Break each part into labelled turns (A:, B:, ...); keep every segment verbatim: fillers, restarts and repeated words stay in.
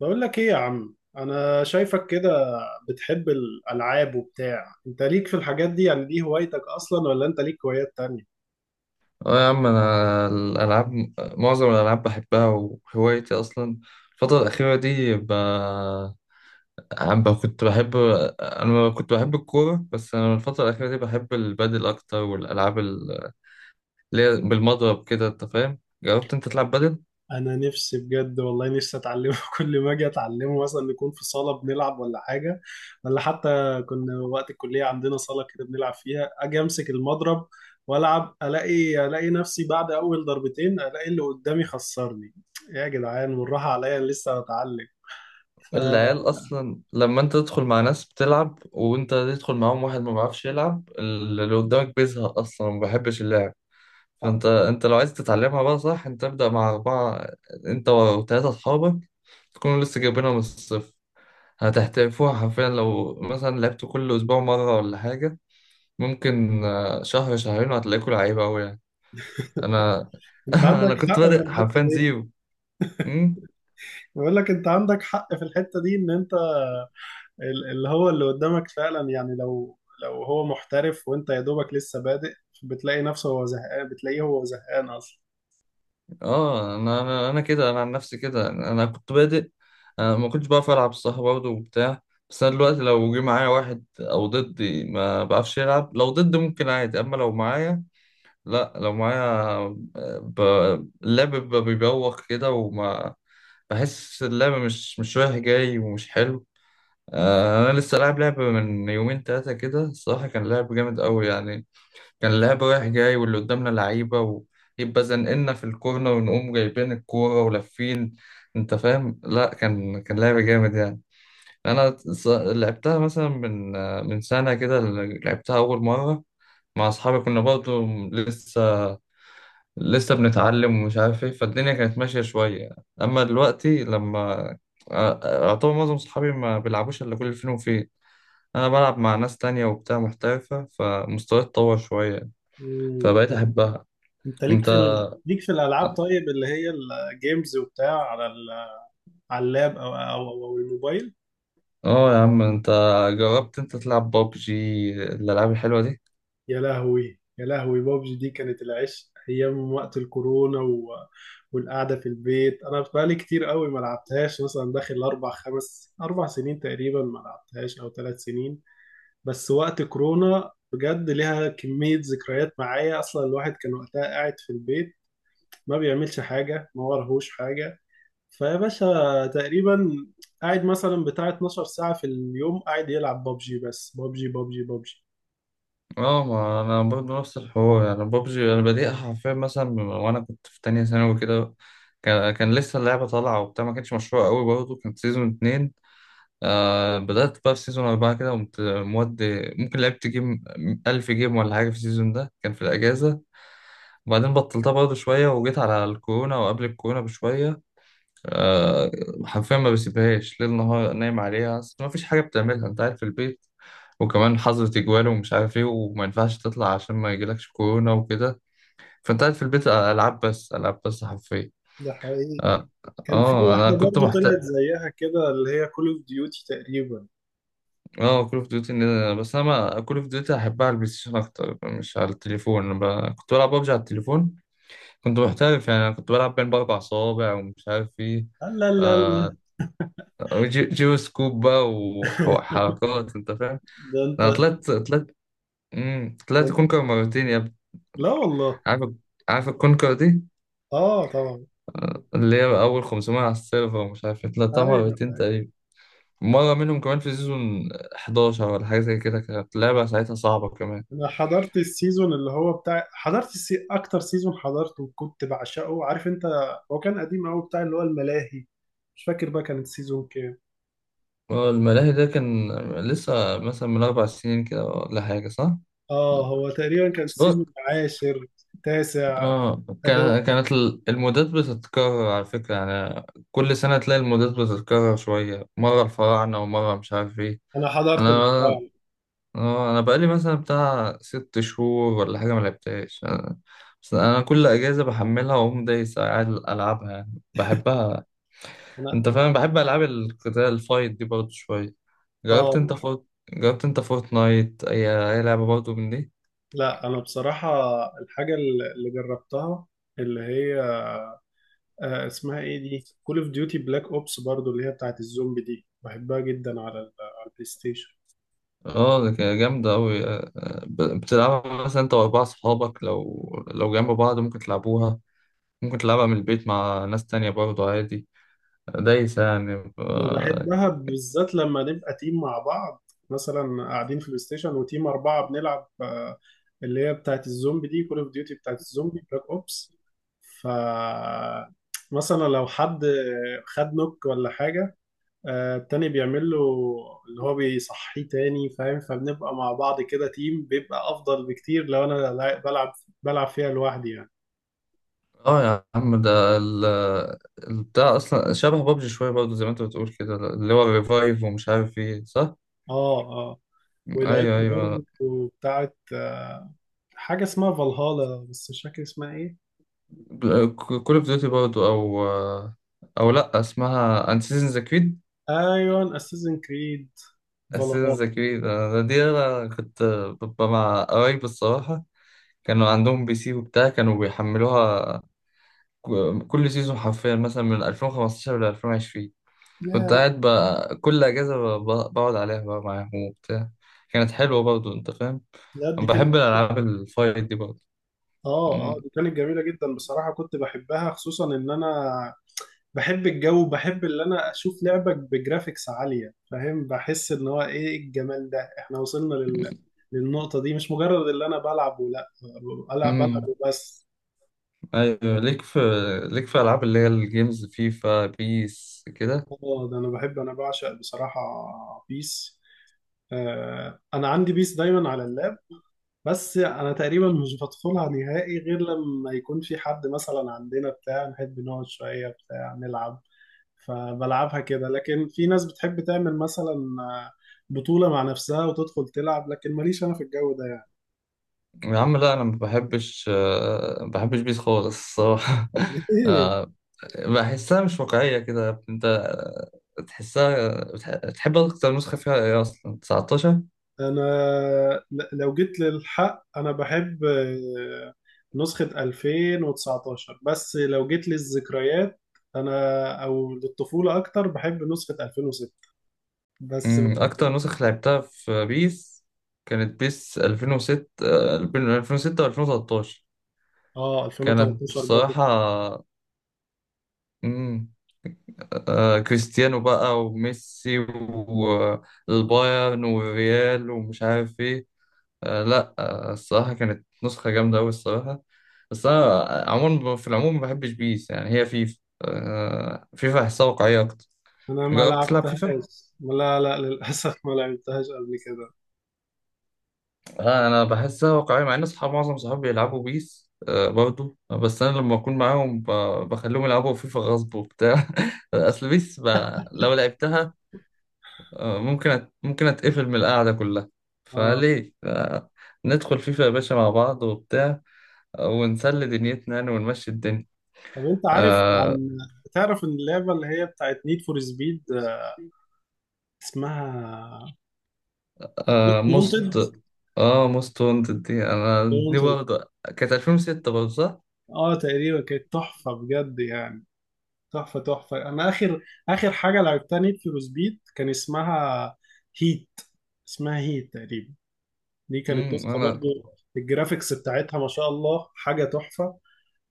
A: بقول لك ايه يا عم، انا شايفك كده بتحب الالعاب وبتاع. انت ليك في الحاجات دي يعني؟ دي هوايتك اصلا ولا انت ليك هوايات تانية؟
B: اه يا عم انا الالعاب، معظم الالعاب بحبها، وهوايتي اصلا. الفتره الاخيره دي ب... عم ب- كنت بحب، انا كنت بحب الكوره، بس انا الفتره الاخيره دي بحب البادل اكتر، والالعاب ال- اللي هي بالمضرب كده، انت فاهم؟ جربت انت تلعب بادل؟
A: انا نفسي بجد والله نفسي اتعلمه. كل ما اجي اتعلمه مثلا نكون في صالة بنلعب ولا حاجة. ولا حتى كنا وقت الكلية عندنا صالة كده بنلعب فيها، اجي امسك المضرب والعب، الاقي الاقي نفسي بعد اول ضربتين الاقي اللي قدامي خسرني يا جدعان والراحة عليا لسه بتعلم. ف- أه،
B: العيال اصلا لما انت تدخل مع ناس بتلعب، وانت تدخل معاهم واحد ما بيعرفش يلعب، اللي قدامك بيزهق اصلا، ما بيحبش اللعب. فانت انت لو عايز تتعلمها بقى صح، انت ابدأ مع اربعة، انت وثلاثة اصحابك، تكونوا لسه جايبينها من الصفر. هتحترفوها حرفيا، لو مثلا لعبتوا كل اسبوع مرة ولا حاجة، ممكن آه، شهر شهرين وهتلاقيكوا لعيبة اوي يعني. انا
A: انت
B: انا
A: عندك
B: كنت
A: حق في
B: بادئ
A: الحتة
B: حرفيا
A: دي.
B: زيرو. أمم،
A: بقول لك انت عندك حق في الحتة دي، ان انت ال- اللي هو اللي قدامك فعلا، يعني لو لو هو محترف وانت يا دوبك لسه بادئ، بتلاقي نفسه هو زهقان بتلاقيه هو زهقان اصلا.
B: اه انا انا انا كده، انا عن نفسي كده، انا كنت بادئ، انا ما كنتش بعرف العب صح برضه وبتاع. بس انا دلوقتي لو جه معايا واحد او ضدي ما بعرفش يلعب، لو ضدي ممكن عادي، اما لو معايا، لا لو معايا ب... اللعب بيبقى بيبوخ كده، وما بحس اللعب مش مش رايح جاي ومش حلو. آه، انا لسه لاعب لعبة من يومين تلاتة كده، الصراحة كان لعب جامد قوي يعني. كان اللعب رايح جاي، واللي قدامنا لعيبة، ويبقى زنقلنا في الكورنر، ونقوم جايبين الكورة ولافين، انت فاهم؟ لا كان كان لعب جامد يعني. انا ص- لعبتها مثلا من آه، من سنة كده، لعبتها اول مرة مع اصحابي، كنا برضه لسه لسه بنتعلم ومش عارف ايه، فالدنيا كانت ماشية شوية. اما دلوقتي لما آه، اعتبر معظم صحابي ما بيلعبوش الا كل فين وفين، انا بلعب مع ناس تانية وبتاع محترفة، فمستواي اتطور شوية،
A: مم.
B: فبقيت احبها.
A: انت ليك
B: انت
A: في ال... ليك في الالعاب طيب، اللي هي الجيمز وبتاع، على ال... على اللاب او او او أو الموبايل؟
B: اه يا عم انت جربت انت تلعب بابجي؟ الالعاب الحلوة دي.
A: يا لهوي يا لهوي، بابجي دي كانت العشق ايام وقت الكورونا و... والقعده في البيت. انا بقالي كتير قوي ما لعبتهاش، مثلا داخل اربع خمس اربع سنين تقريبا ما لعبتهاش، او ثلاث سنين. بس وقت كورونا بجد ليها كميه ذكريات معايا. اصلا الواحد كان وقتها قاعد في البيت ما بيعملش حاجه، ما ورهوش حاجه، فيا باشا تقريبا قاعد مثلا بتاع 12 ساعه في اليوم قاعد يلعب بابجي، بس بابجي بابجي بابجي.
B: اه ما انا برضه نفس الحوار يعني. بابجي انا بديتها حرفيا مثلا من- وانا كنت في تانية ثانوي كده، كان كان لسه اللعبة طالعة وبتاع، ما كانتش مشهورة قوي برضه، كانت سيزون اتنين. آه بدأت بقى في سيزون أربعة كده، قمت مودي ممكن لعبت جيم، ألف جيم ولا حاجة في السيزون ده، كان في الأجازة. وبعدين بطلتها برضه شوية، وجيت على الكورونا وقبل الكورونا بشوية. آه حرفيا ما بسيبهاش ليل نهار، نايم عليها، أصل ما فيش حاجة بتعملها، أنت قاعد في البيت، وكمان حظر تجوال ومش عارف ايه، وما ينفعش تطلع عشان ما يجيلكش كورونا وكده، فانت قاعد في البيت العاب بس، العاب بس حرفيا.
A: ده حقيقي.
B: اه,
A: كان في
B: آه انا
A: واحدة
B: كنت
A: برضه
B: محت...
A: طلعت زيها كده اللي هي كول اوف ديوتي تقريبا.
B: اه كول اوف ديوتي، بس انا ما كول اوف ديوتي احبها على البلاي ستيشن اكتر، مش على التليفون. أنا ب... كنت بلعب ببجي على التليفون، كنت محترف يعني. أنا كنت بلعب بين باربع صوابع ومش عارف ايه،
A: لا لا لا
B: آه...
A: لا.
B: جي... جيرو سكوب بقى، وح- وحركات انت فاهم.
A: ده انت،
B: انا طلعت طلعت مم...
A: ده
B: طلعت
A: انت-
B: كونكر مرتين يا ابني.
A: لا والله.
B: عارف؟ عارف الكونكر دي
A: اه طبعا.
B: اللي هي اول خمسمية على السيرفر ومش عارف إيه، طلعتها
A: ايوه
B: مرتين
A: ايوه.
B: تقريبا، مرة منهم كمان في سيزون حداشر ولا حاجة زي كده، كانت لعبة ساعتها صعبة كمان.
A: انا حضرت السيزون اللي هو بتاع، حضرت السي... اكتر سيزون حضرته كنت بعشقه، عارف انت، هو كان قديم قوي بتاع اللي هو الملاهي. مش فاكر بقى كان السيزون كام.
B: آه، الملاهي ده كان لسه مثلا من أربع سنين كده ولا حاجة صح؟
A: اه هو تقريبا كان السيزون
B: صوت.
A: العاشر، تاسع.
B: اه
A: أدو...
B: كان- كانت ال- المودات بتتكرر على فكرة يعني، كل سنة تلاقي المودات بتتكرر شوية، مرة الفراعنة ومرة مش عارف ايه.
A: انا حضرت
B: أنا
A: البتاع.
B: اه، آه، أنا بقالي مثلا بتاع ست شهور ولا حاجة ملعبتهاش، أنا بس أنا كل أجازة بحملها وأقوم دايس قاعد ألعبها، يعني بحبها.
A: انا
B: أنت فاهم بحب ألعاب القتال الفايت دي برضه شوية. جربت انت
A: اه.
B: فورت جربت انت فورتنايت؟ اي اي لعبه برضه من دي.
A: لا انا بصراحة الحاجة اللي اللي جربتها اللي هي آه، اسمها ايه دي، كول اوف ديوتي بلاك اوبس برضو اللي هي بتاعت الزومبي دي، بحبها جدا على ال- على البلاي ستيشن.
B: اه ده كان جامده قوي، بتلعبها مثلا انت واربعه صحابك، لو لو جنب بعض ممكن تلعبوها، ممكن تلعبها من البيت مع ناس تانية برضه عادي، دايسة يعني
A: انا
B: اه.
A: بحبها بالذات لما نبقى تيم مع بعض، مثلا قاعدين في البلاي ستيشن وتيم اربعة بنلعب، آه، اللي هي بتاعت الزومبي دي، كول اوف ديوتي بتاعت الزومبي بلاك اوبس. ف مثلا لو حد خد نوك ولا حاجة، آه، التاني بيعمل له اللي هو بيصحيه تاني، فاهم؟ فبنبقى مع بعض كده تيم بيبقى افضل بكتير لو انا لا- بلعب بلعب فيها لوحدي يعني.
B: آه يا عم ده ال- البتاع اصلا شبه بابجي شوية برضه، زي ما انت بتقول كده، اللي هو الريفايف ومش عارف ايه صح؟
A: اه اه. ولعبت
B: ايوه
A: برضه
B: ايوه
A: بتاعت آه، حاجة اسمها فالهالا، بس مش فاكر اسمها ايه.
B: كول اوف ديوتي برضه او آه، او لا اسمها انسيزن ذا.
A: ايوه اساسن كريد
B: اساسنز
A: فالهالا.
B: كريد، انا دي انا كنت ببقى مع قرايبي الصراحه، كانوا عندهم بي سي وبتاع، كانوا بيحملوها ك- كل سيزون حرفيا، مثلا من ألفين وخمستاشر ل ألفين وعشرين،
A: يا
B: كنت قاعد بقى كل اجازه، ب- ب- بقعد عليها بقى معاهم وبتاع، كانت حلوه برضه انت فاهم.
A: لا دي
B: انا
A: كانت،
B: بحب الالعاب الفايت دي برضه.
A: اه اه
B: أمم،
A: دي كانت جميلة جدا بصراحة، كنت بحبها خصوصا ان انا بحب الجو، بحب اللي انا اشوف لعبك بجرافيكس عالية، فاهم؟ بحس ان هو ايه الجمال ده، احنا وصلنا لل... للنقطة دي، مش مجرد اللي انا بلعب، ولا بلعب بلعب
B: أمم،
A: وبس.
B: ايوه ليك في، ليك في العاب اللي هي الجيمز فيفا بيس كده؟
A: اه ده انا بحب، انا بعشق بصراحة بيس. آه انا عندي بيس دايما على اللاب، بس انا تقريبا مش بدخلها نهائي غير لما يكون في حد مثلا عندنا بتاع نحب نقعد شوية بتاع نلعب، فبلعبها كده. لكن في ناس بتحب تعمل مثلا آه، بطولة مع نفسها وتدخل تلعب، لكن ماليش أنا في الجو ده يعني.
B: يا عم لا انا ما بحبش، آه، ما بحبش بيس خالص الصراحه.
A: ليه؟
B: آه، بحسها مش واقعيه كده. انت آه، تحسها بتح- بتحب اكتر نسخه فيها ايه اصلا؟ تسعتاشر؟
A: أنا ل- لو جيت للحق أنا بحب آه، نسخة ألفين وتسعتاشر، بس لو جيت للذكريات أنا أو للطفولة أكتر بحب نسخة ألفين وستة. بس
B: أمم، اكتر نسخ لعبتها في بيس كانت بيس ألفين وستة، آه، ألفين وستة و2013،
A: آه
B: كانت
A: ألفين وتلتاشر برضو.
B: الصراحه أمم، آه، كريستيانو بقى وميسي والبايرن والريال ومش عارف ايه. آه لا آه الصراحة كانت نسخة جامدة أوي الصراحة. بس أنا عموما في العموم ما بحبش بيس يعني، هي فيفا، آه فيفا أحسها واقعية أكتر.
A: أنا ما
B: جربت تلعب فيفا؟
A: لعبتهاش، لا لا للأسف ما لعبتهاش قبل كده.
B: آه أنا بحسها واقعية، مع إن أصحاب معظم صحابي بيلعبوا بيس آه برضو، بس أنا لما أكون معاهم ب- بخليهم يلعبوا فيفا غصب وبتاع. أصل بيس ب... لو لعبتها آه ممكن أت... ممكن أتقفل من القعدة كلها،
A: اه
B: فليه؟ آه ندخل فيفا يا باشا مع بعض وبتاع، آه، ونسلي دنيتنا يعني ونمشي الدنيا.
A: طب انت عارف
B: آه،
A: عن، تعرف ان اللعبه اللي هي بتاعت نيد فور سبيد اسمها
B: آه
A: وونتد.
B: موست، اه موست وانتد دي انا دي
A: وونتد
B: برضه كانت ألفين وستة برضه صح؟
A: اه تقريبا، كانت تحفه بجد يعني، تحفه تحفه. انا اخر اخر حاجه لعبتها نيد فور سبيد كان اسمها هيت، اسمها هيت تقريبا. دي كانت
B: امم
A: نسخه
B: انا،
A: برضو الجرافيكس بتاعتها ما شاء الله، حاجه تحفه.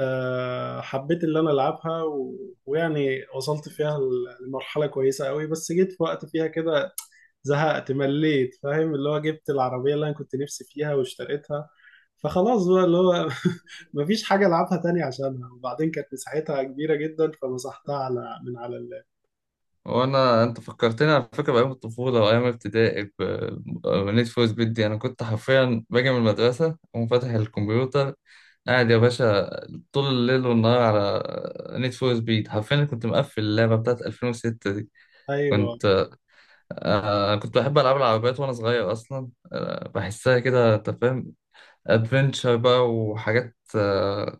A: أه حبيت اللي انا العبها و... ويعني وصلت فيها لمرحله كويسه قوي، بس جيت في وقت فيها كده زهقت مليت، فاهم؟ اللي هو جبت العربية اللي انا كنت نفسي فيها واشتريتها، فخلاص بقى اللي هو مفيش حاجة العبها تاني عشانها. وبعدين كانت مساحتها كبيرة جدا فمسحتها على من على اللاب.
B: وانا انت فكرتني على فكره بايام الطفوله وايام ابتدائي. ب- بنيت فور سبيد دي انا كنت حرفيا باجي من المدرسه اقوم فاتح الكمبيوتر، قاعد يا باشا طول الليل والنهار على نيد فور سبيد، حرفيا كنت مقفل اللعبه بتاعت ألفين وستة دي.
A: ايوه
B: كنت آه كنت بحب العاب العربيات وانا صغير اصلا، آه بحسها كده انت فاهم، ادفنتشر بقى وحاجات آه،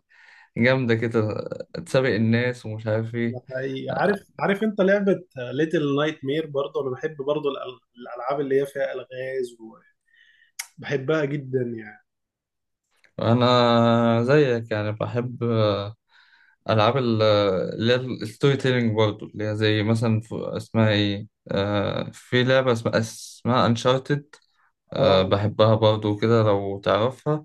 B: جامدة كده، تسابق الناس ومش عارف ايه.
A: ده حقيقي. عارف، عارف انت لعبة ليتل نايت مير؟ برضه انا بحب برضه الأل- الالعاب اللي هي فيها الغاز، وبحبها جدا يعني.
B: انا زيك يعني بحب آه، العاب ال- اللي هي الستوري تيلينج برضه، اللي هي زي مثلا ف- اسمها ايه آه، في لعبة اسمها اسمها انشارتد،
A: اه
B: بحبها برضه كده لو تعرفها.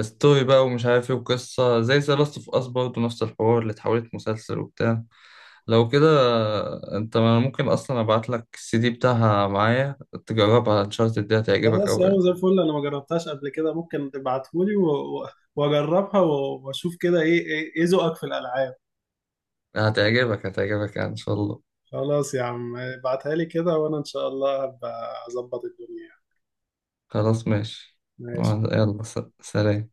B: ستوري بقى ومش عارف ايه وقصة، زي ذا لاست اوف اس برضه نفس الحوار، اللي اتحولت مسلسل وبتاع. لو كده آه، انت ممكن اصلا ابعت لك السي دي بتاعها معايا تجربها، انشارتد دي هتعجبك
A: خلاص يا
B: قوي.
A: عم زي الفل، انا ما جربتهاش قبل كده، ممكن تبعتهولي و- و- واجربها و- واشوف كده ايه ايه إيه ذوقك في الالعاب.
B: هتعجبك هتعجبك يعني ان شاء الله.
A: خلاص يا عم ابعتها لي كده، وانا ان شاء الله هبقى اظبط الدنيا.
B: خلاص ماشي.
A: ماشي.
B: يلا س- سلام.